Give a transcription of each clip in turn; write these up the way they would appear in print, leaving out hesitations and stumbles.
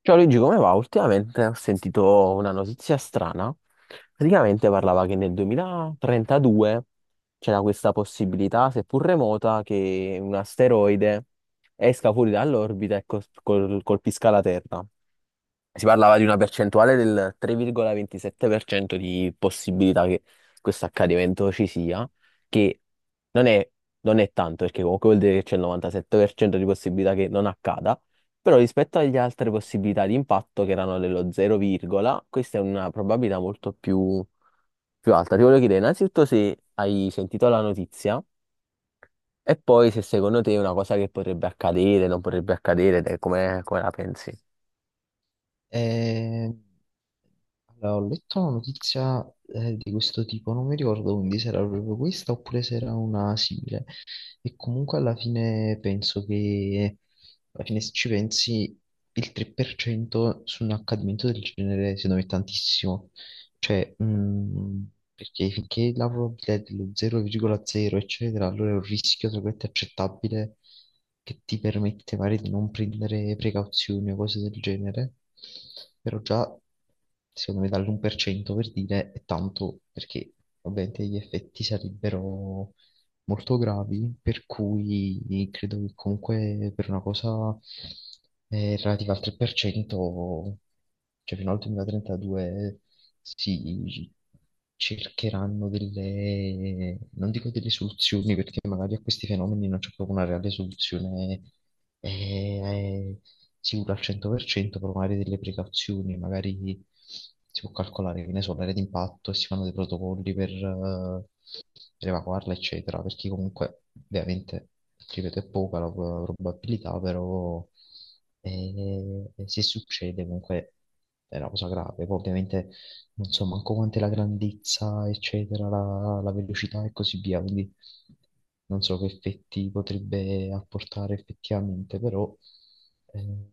Ciao Luigi, come va? Ultimamente ho sentito una notizia strana. Praticamente parlava che nel 2032 c'era questa possibilità, seppur remota, che un asteroide esca fuori dall'orbita e colpisca la Terra. Si parlava di una percentuale del 3,27% di possibilità che questo accadimento ci sia, che non è, non è tanto, perché comunque vuol dire che c'è il 97% di possibilità che non accada, però rispetto alle altre possibilità di impatto, che erano dello 0, questa è una probabilità molto più alta. Ti voglio chiedere innanzitutto se hai sentito la notizia e poi se secondo te è una cosa che potrebbe accadere, non potrebbe accadere, te come la pensi? Eh, allora, ho letto una notizia di questo tipo, non mi ricordo quindi se era proprio questa oppure se era una simile. E comunque alla fine penso che, alla fine se ci pensi, il 3% su un accadimento del genere secondo me è tantissimo. Cioè, perché finché la probabilità è dello 0,0, eccetera, allora è un rischio, tra virgolette, accettabile che ti permette magari di non prendere precauzioni o cose del genere. Però già, secondo me, dall'1% per cento per dire è tanto perché ovviamente gli effetti sarebbero molto gravi, per cui credo che comunque per una cosa relativa al 3%, cioè fino al 2032 si cercheranno delle, non dico delle soluzioni, perché magari a questi fenomeni non c'è proprio una reale soluzione eh, sicura al 100%, però magari delle precauzioni, magari si può calcolare, che ne so, l'area d'impatto e si fanno dei protocolli per evacuarla, eccetera, perché comunque ovviamente, ripeto, è poca la probabilità, però se succede comunque è una cosa grave. Poi ovviamente non so manco quant'è la grandezza, eccetera, la velocità e così via, quindi non so che effetti potrebbe apportare effettivamente, però eh,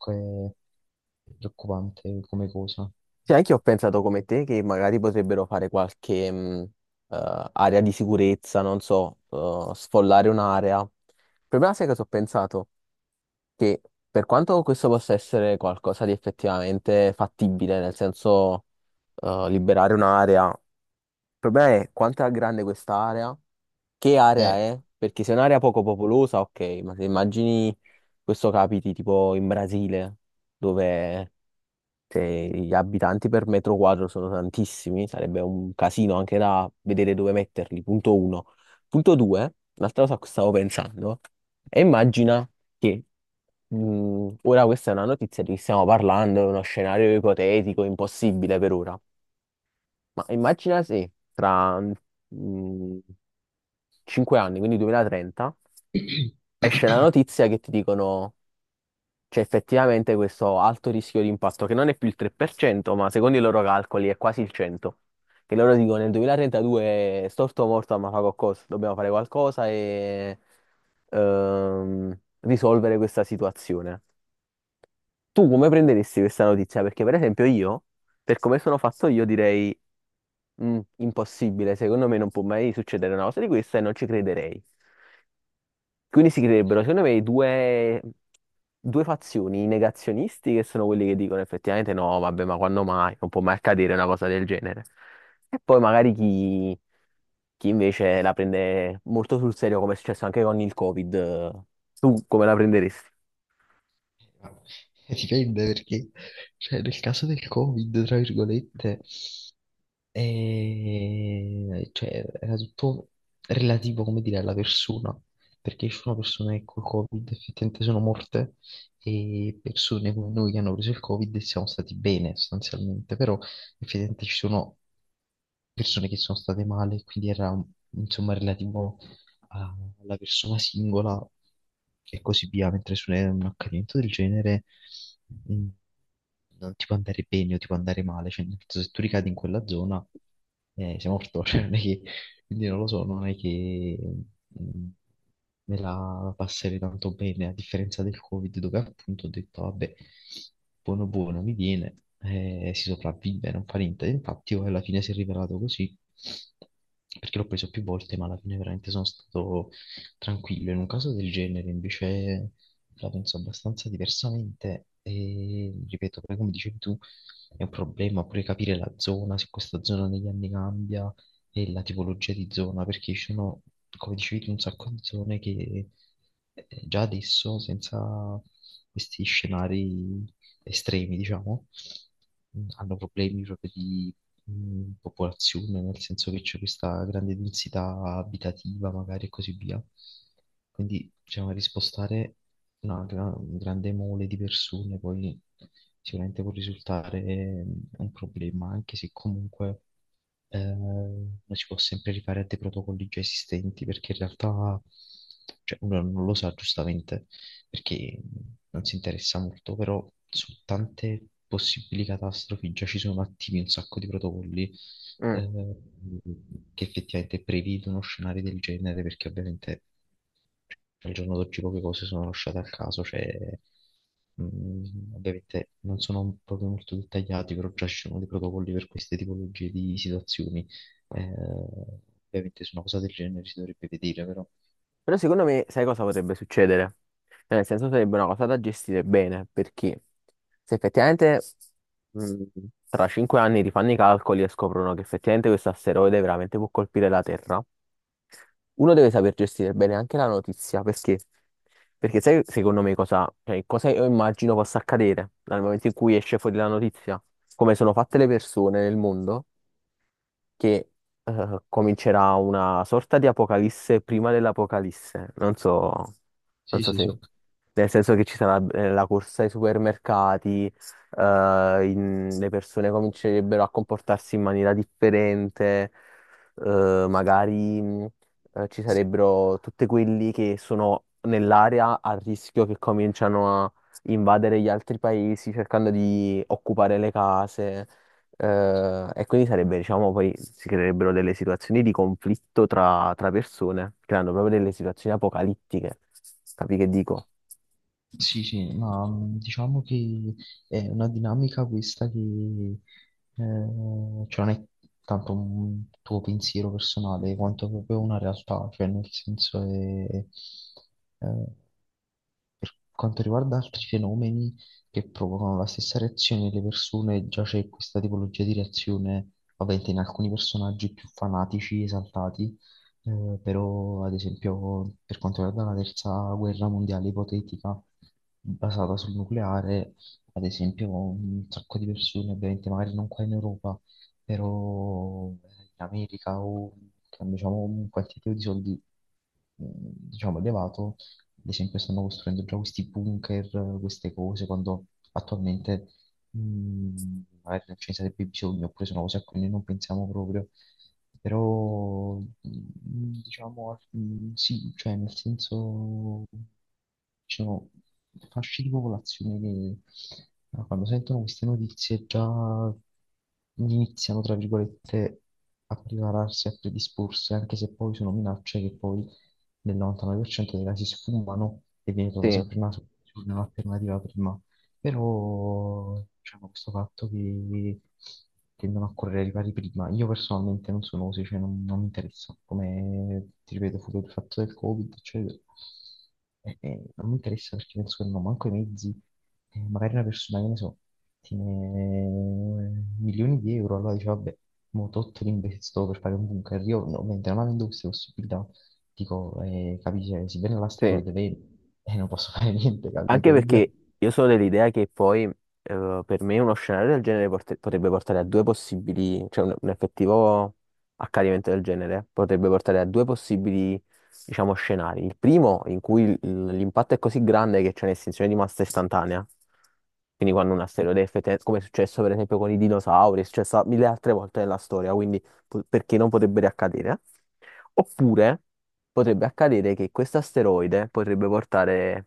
comunque è preoccupante come cosa. Sì, anche io ho pensato come te che magari potrebbero fare qualche area di sicurezza, non so, sfollare un'area. Il problema sai cosa ho pensato? Che per quanto questo possa essere qualcosa di effettivamente fattibile, nel senso, liberare un'area, il problema è quanto è grande quest'area, che area Eh, è, perché se è un'area poco popolosa, ok, ma se immagini questo capiti tipo in Brasile, dove se gli abitanti per metro quadro sono tantissimi, sarebbe un casino anche da vedere dove metterli, punto uno. Punto due, un'altra cosa a cui stavo pensando, e immagina che ora questa è una notizia di cui stiamo parlando, è uno scenario ipotetico, impossibile per ora, ma immagina se tra 5 anni, quindi 2030, esce la notizia che ti dicono: "C'è effettivamente questo alto rischio di impatto che non è più il 3%, ma secondo i loro calcoli è quasi il 100%. Che loro dicono nel 2032 storto o morto, ma fa qualcosa, dobbiamo fare qualcosa e risolvere questa situazione." Tu come prenderesti questa notizia? Perché per esempio io, per come sono fatto io, direi: "Mm, impossibile, secondo me non può mai succedere una cosa di questa e non ci crederei." Quindi si creerebbero, secondo me, due fazioni: i negazionisti, che sono quelli che dicono effettivamente: "No, vabbè, ma quando mai? Non può mai accadere una cosa del genere." E poi magari chi invece la prende molto sul serio, come è successo anche con il Covid. Tu come la prenderesti? Vabbè, dipende perché, cioè, nel caso del Covid, tra virgolette. E, cioè, era tutto relativo, come dire, alla persona, perché ci sono persone che col Covid effettivamente sono morte e persone come noi che hanno preso il Covid e siamo stati bene sostanzialmente, però effettivamente ci sono persone che sono state male, quindi era insomma relativo a- alla persona singola e così via, mentre su un accadimento del genere mm, non ti può andare bene o ti può andare male, cioè nel senso, se tu ricadi in quella zona sei morto, cioè non è che, quindi non lo so, non è che mm, me la passerei tanto bene, a differenza del Covid dove appunto ho detto vabbè, buono buono mi viene, si sopravvive, non fa niente, infatti io alla fine si è rivelato così. Perché l'ho preso più volte, ma alla fine veramente sono stato tranquillo. In un caso del genere, invece, la penso abbastanza diversamente e ripeto, poi come dicevi tu, è un problema pure capire la zona, se questa zona negli anni cambia e la tipologia di zona, perché ci sono, come dicevi tu, un sacco di zone che già adesso, senza questi scenari estremi, diciamo, hanno problemi proprio di popolazione, nel senso che c'è questa grande densità abitativa, magari e così via. Quindi, diciamo, rispostare un grande mole di persone poi sicuramente può risultare un problema, anche se comunque uno si può sempre rifare a dei protocolli già esistenti perché in realtà cioè, uno non lo sa giustamente perché non si interessa molto, però su tante possibili catastrofi già ci sono attivi un sacco di protocolli Mm. eh, che effettivamente prevedono scenari del genere perché ovviamente al giorno d'oggi poche cose sono lasciate al caso, cioè, ovviamente non sono proprio molto dettagliati, però già ci sono dei protocolli per queste tipologie di situazioni. Eh, Ovviamente su una cosa del genere si dovrebbe vedere, però. Però secondo me, sai cosa potrebbe succedere? Cioè, nel senso, sarebbe una cosa da gestire bene, perché se effettivamente mh, tra 5 anni rifanno i calcoli e scoprono che effettivamente questo asteroide veramente può colpire la Terra, uno deve saper gestire bene anche la notizia. Perché? Perché sai secondo me cosa, cioè, cosa io immagino possa accadere dal momento in cui esce fuori la notizia, come sono fatte le persone nel mondo, che comincerà una sorta di apocalisse prima dell'apocalisse. Non so, non Sì, so sì, se... sì. Nel senso che ci sarà la corsa ai supermercati, le persone comincerebbero a comportarsi in maniera differente, magari ci sarebbero tutti quelli che sono nell'area a rischio che cominciano a invadere gli altri paesi cercando di occupare le case, e quindi sarebbe, diciamo, poi si creerebbero delle situazioni di conflitto tra persone, creando proprio delle situazioni apocalittiche. Capi che dico? Sì, sì, ma diciamo che è una dinamica questa che cioè non è tanto un tuo pensiero personale quanto proprio una realtà, cioè nel senso è, eh, per quanto riguarda altri fenomeni che provocano la stessa reazione nelle persone, già c'è questa tipologia di reazione, ovviamente in alcuni personaggi più fanatici, esaltati, però ad esempio per quanto riguarda la terza guerra mondiale ipotetica, basata sul nucleare, ad esempio un sacco di persone, ovviamente magari non qua in Europa, però in America o diciamo un quantitativo di soldi mm, diciamo elevato ad esempio stanno costruendo già questi bunker, queste cose, quando attualmente mh, magari non ce ne sarebbe bisogno, oppure sono cose a cui noi non pensiamo proprio. Però, diciamo, sì, cioè nel senso, ci sono fasce di popolazione che quando sentono queste notizie già iniziano, tra virgolette, a prepararsi, a predisporsi, anche se poi sono minacce che poi nel 99% dei casi sfumano e viene trovata Sì, sempre una soluzione, un'alternativa prima. Però, diciamo, questo fatto che tendono a correre ai ripari prima, io personalmente non sono così, cioè non, non mi interessa, come ti ripeto, fu il fatto del Covid, eccetera. E non mi interessa perché penso che non ho manco i mezzi, e magari una persona, che ne so, tiene milioni di euro, allora dice, vabbè, mo tolto l'investo per fare un bunker. Io no, ovviamente non avendo queste possibilità, dico, capisci, si viene sì. l'asteroide, vedi, e non posso fare niente, Anche capito? Quindi, perché io sono dell'idea che poi per me uno scenario del genere potrebbe portare a due possibili, cioè un effettivo accadimento del genere potrebbe portare a due possibili, diciamo, scenari. Il primo, in cui l'impatto è così grande che c'è un'estinzione di massa istantanea, quindi quando un asteroide, come è successo per esempio con i dinosauri, è successo mille altre volte nella storia, quindi perché non potrebbe accadere. Oppure potrebbe accadere che questo asteroide potrebbe portare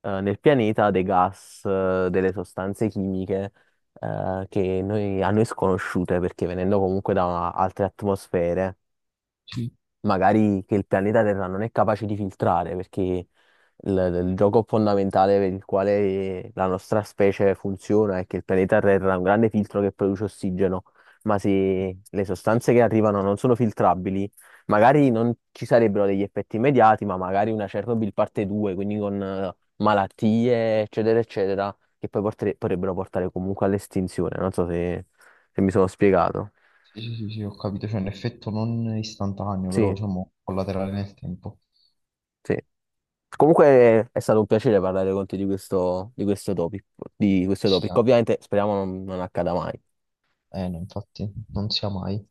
nel pianeta dei gas, delle sostanze chimiche che a noi sconosciute, perché venendo comunque da altre atmosfere sì, magari che il pianeta Terra non è capace di filtrare, perché il gioco fondamentale per il quale la nostra specie funziona è che il pianeta Terra ha un grande filtro che produce ossigeno, ma sì. se le sostanze che arrivano non sono filtrabili, magari non ci sarebbero degli effetti immediati, ma magari una Chernobyl parte 2, quindi con malattie, eccetera, eccetera, che poi potrebbero portare comunque all'estinzione. Non so se mi sono spiegato. Sì, sì, sì, sì, ho capito, c'è un effetto non istantaneo, però Sì, diciamo collaterale nel tempo. sì. Comunque è stato un piacere parlare con te di questo, di questo topic, di questo Sì, topic. Ovviamente speriamo non accada mai. No, infatti, non sia mai.